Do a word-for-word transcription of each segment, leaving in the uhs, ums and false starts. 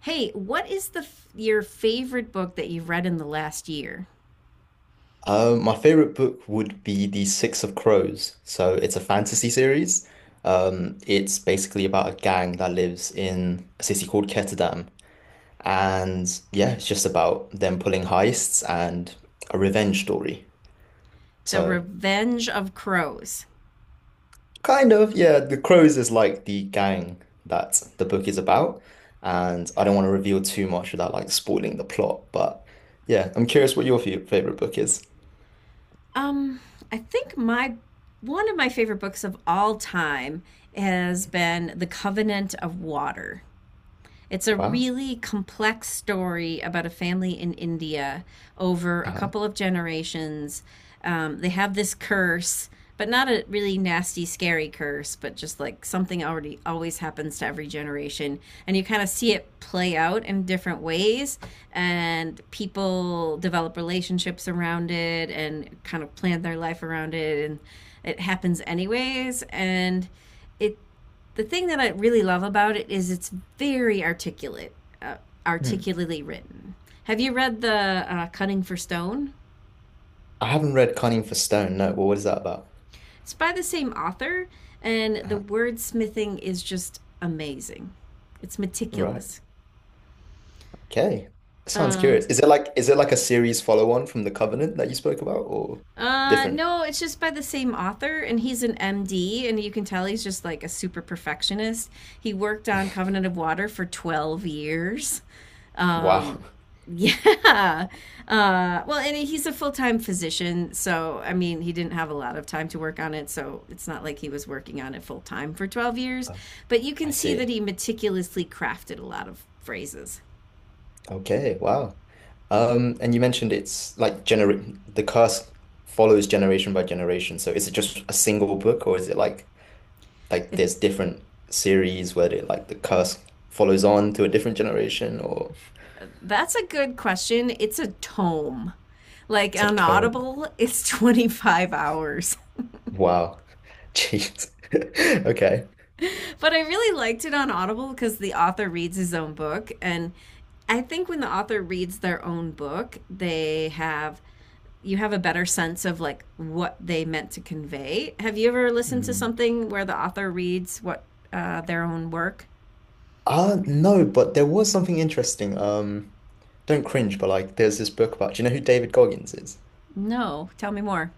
Hey, what is the your favorite book that you've read in the last year? Uh, my favorite book would be The Six of Crows. So it's a fantasy series. Um, it's basically about a gang that lives in a city called Ketterdam. And, yeah, it's just about them pulling heists and a revenge story. The So Revenge of Crows. kind of, yeah, The Crows is like the gang that the book is about. And I don't want to reveal too much without like spoiling the plot, but yeah, I'm curious what your fe- favorite book is. Um, I think my one of my favorite books of all time has been The Covenant of Water. It's a Wow. really complex story about a family in India over a Uh-huh. couple of generations. Um, they have this curse, but not a really nasty, scary curse, but just like something already always happens to every generation. And you kind of see it play out in different ways, and people develop relationships around it and kind of plan their life around it. And it happens anyways. And it The thing that I really love about it is it's very articulate, uh, articulately written. Have you read the uh, Cutting for Stone? I haven't read Cunning for Stone. No, well, what is that about? It's by the same author, and the Uh, wordsmithing is just amazing. It's right. meticulous. Okay. That sounds Uh, curious. Is it like is it like a series follow-on from The Covenant that you spoke about or uh, different? no, it's just by the same author, and he's an M D, and you can tell he's just like a super perfectionist. He worked on Covenant of Water for twelve years. Wow. Um, yeah. Uh, well, and he's a full time physician. So, I mean, he didn't have a lot of time to work on it. So, it's not like he was working on it full time for twelve years. Oh, But you I can see that see. he meticulously crafted a lot of phrases. Okay, wow. Um, and you mentioned it's like gener the curse follows generation by generation. So is it just a single book or is it like like It, there's different series where they like the curse follows on to a different generation or that's a good question. It's a tome. Like it's a on tone. Audible, it's twenty-five hours. Wow. Jeez. Okay. But I really liked it on Audible because the author reads his own book. And I think when the author reads their own book, they have you have a better sense of like what they meant to convey. Have you ever listened to Mm. something where the author reads what uh, their own work? Uh, no, but there was something interesting. Um, don't cringe, but like there's this book about, do you know who David Goggins is? No, tell me more.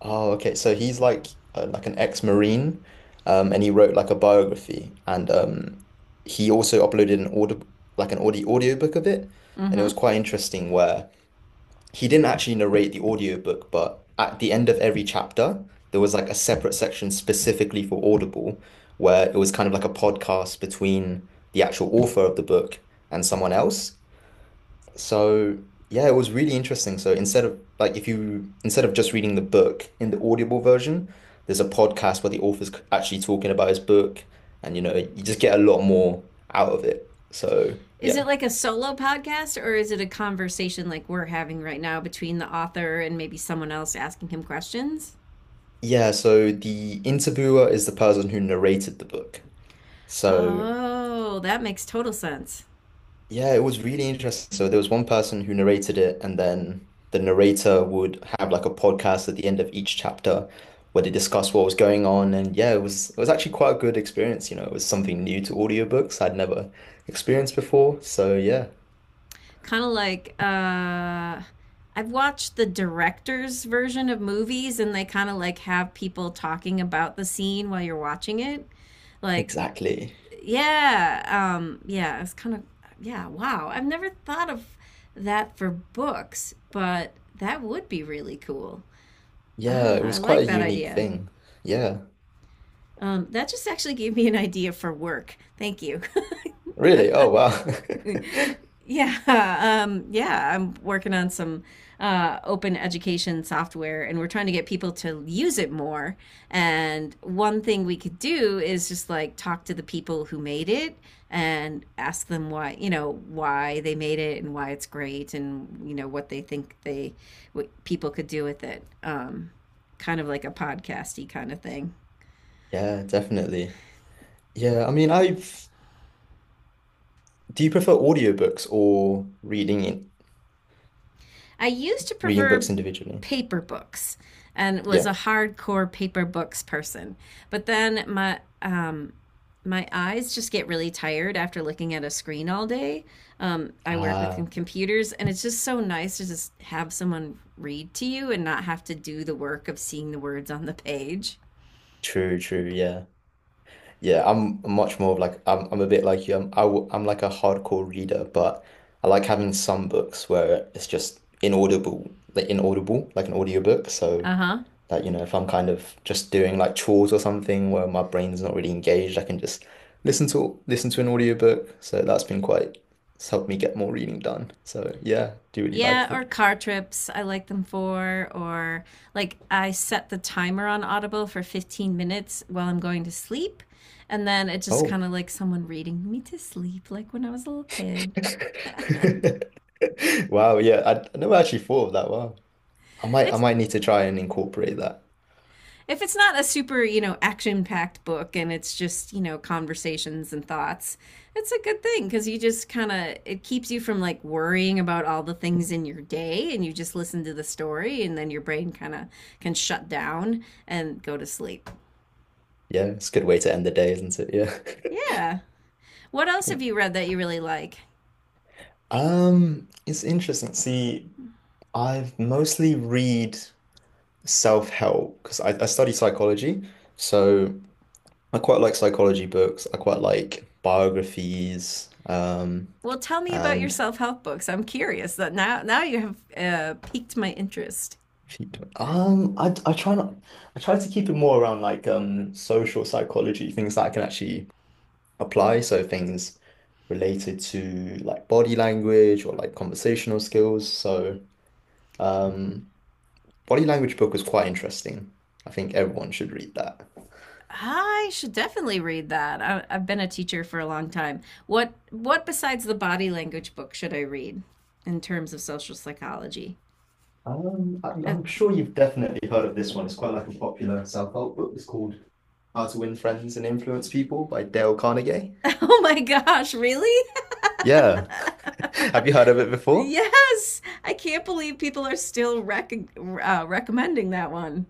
Oh, okay. So he's like uh, like an ex-Marine, um, and he wrote like a biography, and um, he also uploaded an audio like an audio audiobook of it, and it Mm-hmm. was quite interesting where he didn't actually narrate the audiobook, but at the end of every chapter, there was like a separate section specifically for Audible where it was kind of like a podcast between the actual author of the book and someone else. So, yeah, it was really interesting. So, instead of like if you instead of just reading the book in the Audible version, there's a podcast where the author's c- actually talking about his book and you know, you just get a lot more out of it. So, Is yeah. it like a solo podcast or is it a conversation like we're having right now between the author and maybe someone else asking him questions? Yeah, so the interviewer is the person who narrated the book. So Oh, that makes total sense. yeah, it was really interesting. So there was one person who narrated it, and then the narrator would have like a podcast at the end of each chapter where they discuss what was going on. And yeah, it was it was actually quite a good experience. You know, it was something new to audiobooks I'd never experienced before. So yeah, Kind of like uh I've watched the director's version of movies and they kind of like have people talking about the scene while you're watching it. Like, exactly. yeah, um, yeah, it's kind of, yeah, Wow, I've never thought of that for books, but that would be really cool. Yeah, it Ah, I was quite like a that unique idea. thing. Yeah. Um, that just actually gave me an idea for work. Thank you. Really? Oh wow. Yeah, um, yeah, I'm working on some uh, open education software and we're trying to get people to use it more. And one thing we could do is just like talk to the people who made it and ask them why, you know, why they made it and why it's great and, you know, what they think they, what people could do with it. Um, kind of like a podcasty kind of thing. Yeah, definitely. Yeah, I mean, I've do you prefer audiobooks or reading it, I used to reading books prefer individually? paper books and was Yeah. a hardcore paper books person. But then my um my eyes just get really tired after looking at a screen all day. Um, I work with Ah, computers, and it's just so nice to just have someone read to you and not have to do the work of seeing the words on the page. true, true. Yeah. Yeah, I'm much more of like I'm I'm a bit like you. I'm I w I'm like a hardcore reader, but I like having some books where it's just inaudible, like inaudible, like an audiobook. So Uh huh. that, you know, if I'm kind of just doing like chores or something where my brain's not really engaged, I can just listen to listen to an audiobook. So that's been quite it's helped me get more reading done. So yeah, do really like Yeah, or it. car trips, I like them for, or like I set the timer on Audible for fifteen minutes while I'm going to sleep. And then it's just Oh. kind of like someone reading me to sleep, like when I was a little kid. Wow, yeah, I, I never actually thought of that. Wow. I might I It's might need to try and incorporate that. if it's not a super, you know, action-packed book and it's just, you know, conversations and thoughts, it's a good thing because you just kind of it keeps you from like worrying about all the things in your day and you just listen to the story and then your brain kind of can shut down and go to sleep. Yeah, it's a good way to end the day, isn't it? Yeah. Yeah. What else have Cool. you read that you really like? Um, it's interesting. See, I've mostly read self-help because I, I study psychology, so I quite like psychology books. I quite like biographies, um, Well, tell me about your and self-help books. I'm curious that now now you have uh, piqued my interest. if you do- um, I I try not I try to keep it more around like um social psychology, things that I can actually apply. So things related to like body language or like conversational skills. So um, body language book was quite interesting. I think everyone should read that. I should definitely read that. I, I've been a teacher for a long time. What what besides the body language book should I read in terms of social psychology? Um, I, Uh, I'm sure you've definitely heard of this one. It's quite like a popular self-help book. It's called How to Win Friends and Influence People by Dale Carnegie. oh my gosh, really? Yeah. Have you heard of it before? Yes, I can't believe people are still rec- uh, recommending that one.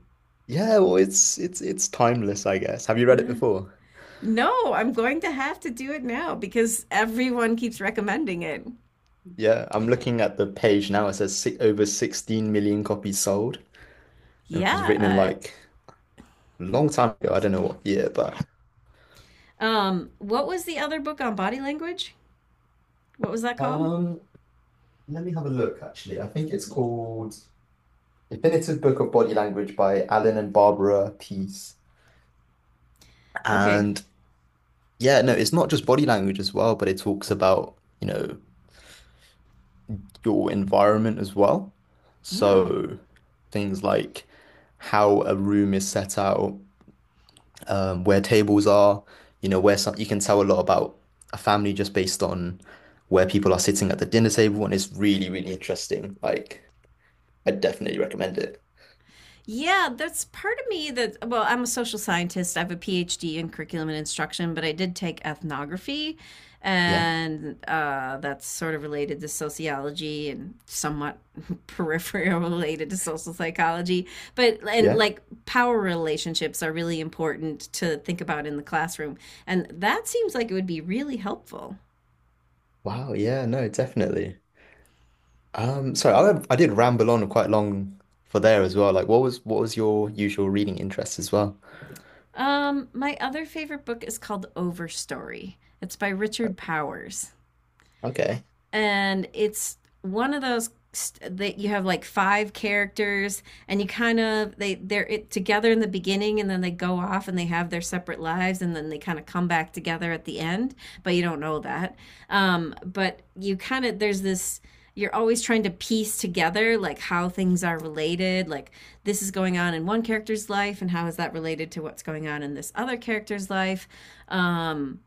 Yeah, well, it's it's it's timeless, I guess. Have you read it before? No, I'm going to have to do it now because everyone keeps recommending it. Yeah, I'm looking at the page now. It says si over 16 million copies sold. It was written in Yeah. like a long time ago. I don't know what year, but Um, what was the other book on body language? What was that called? um, let me have a look actually. I think it's called Definitive Book of Body Language by Alan and Barbara Pease. Okay. And yeah, no, it's not just body language as well, but it talks about, you know, your environment as well. Oh. So things like how a room is set out, um, where tables are, you know, where some you can tell a lot about a family just based on where people are sitting at the dinner table, and it's really, really interesting. Like, I definitely recommend it. Yeah, that's part of me that, well, I'm a social scientist. I have a PhD in curriculum and instruction, but I did take ethnography, Yeah, and uh, that's sort of related to sociology and somewhat peripheral related to social psychology. But, and yeah. like power relationships are really important to think about in the classroom. And that seems like it would be really helpful. Wow, yeah, no, definitely. Um, sorry, I I did ramble on quite long for there as well. Like, what was what was your usual reading interest as well? Um, my other favorite book is called Overstory. It's by Richard Powers, Okay. and it's one of those that you have like five characters and you kind of they they're it, together in the beginning, and then they go off and they have their separate lives, and then they kind of come back together at the end, but you don't know that. Um but you kind of There's this, you're always trying to piece together like how things are related, like this is going on in one character's life and how is that related to what's going on in this other character's life. um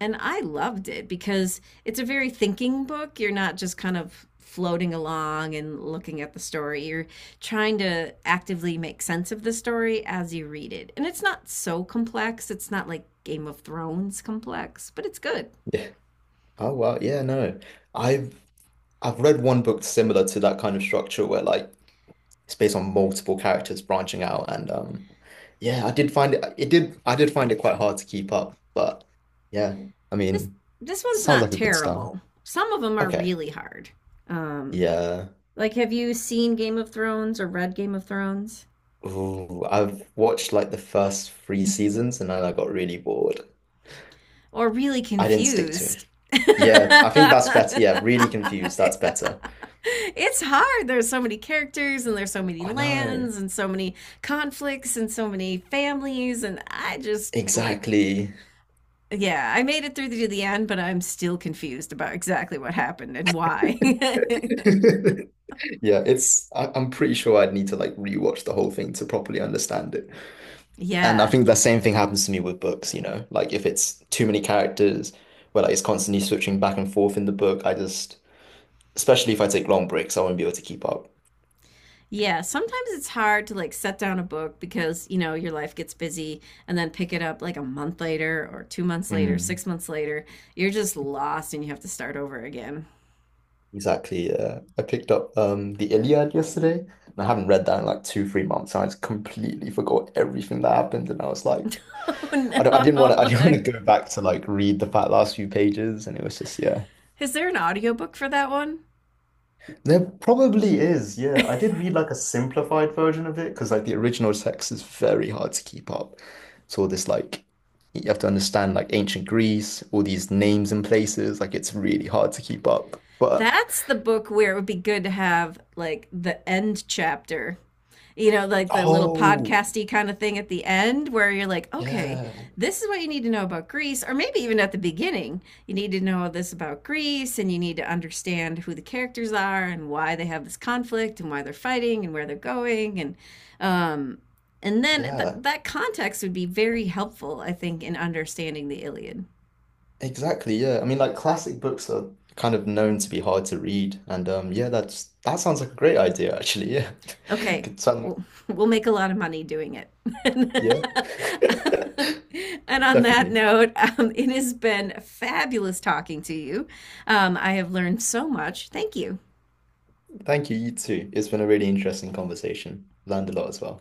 and I loved it because it's a very thinking book. You're not just kind of floating along and looking at the story. You're trying to actively make sense of the story as you read it. And it's not so complex. It's not like Game of Thrones complex, but it's good. Yeah. Oh wow, yeah, no. I've I've read one book similar to that kind of structure where like it's based on multiple characters branching out and um yeah, I did find it it did I did find it quite hard to keep up, but yeah, I This mean, this one's sounds like not a good start. terrible. Some of them are Okay, really hard. Um, yeah. like have you seen Game of Thrones or read Game of Thrones? Ooh, I've watched like the first three seasons and then I got really bored. Or really I didn't stick to it. confused. Yeah, I think It's that's better. Yeah, really confused, that's better. hard. There's so many characters and there's so many I know, lands and so many conflicts and so many families and I just like, exactly. yeah, I made it through to the end, but I'm still confused about exactly what happened and why. Yeah, it's I, I'm pretty sure I'd need to like rewatch the whole thing to properly understand it. And I yeah. think the same thing happens to me with books, you know, like if it's too many characters where like it's constantly switching back and forth in the book, I just, especially if I take long breaks, I won't be able to keep up. Yeah, sometimes it's hard to like set down a book because, you know, your life gets busy and then pick it up like a month later or two months later, Mm. six months later. You're just lost and you have to start over again. Exactly. Uh, I picked up um the Iliad yesterday, and I haven't read that in like two, three months, and I just completely forgot everything that happened, and I was like, I don't, I didn't want Oh to, I didn't no. want to go back to like read the fat last few pages, and it was just yeah. Is there an audiobook for that one? There probably is, yeah. I did read like a simplified version of it because like the original text is very hard to keep up. It's all this like you have to understand like ancient Greece, all these names and places, like it's really hard to keep up. But That's the book where it would be good to have like the end chapter, you know, like the little oh, podcasty kind of thing at the end where you're like, okay, yeah, this is what you need to know about Greece, or maybe even at the beginning, you need to know this about Greece and you need to understand who the characters are and why they have this conflict and why they're fighting and where they're going, and um, and then th- yeah, that context would be very helpful, I think, in understanding the Iliad. exactly, yeah. I mean like classic books are kind of known to be hard to read. And um yeah, that's that sounds like a great idea actually, yeah. Okay, Could sound, we'll, we'll make a lot of money doing it. yeah. And on that Definitely. note, um, it has been fabulous talking to you. Um, I have learned so much. Thank you. Thank you, you too. It's been a really interesting conversation. Learned a lot as well.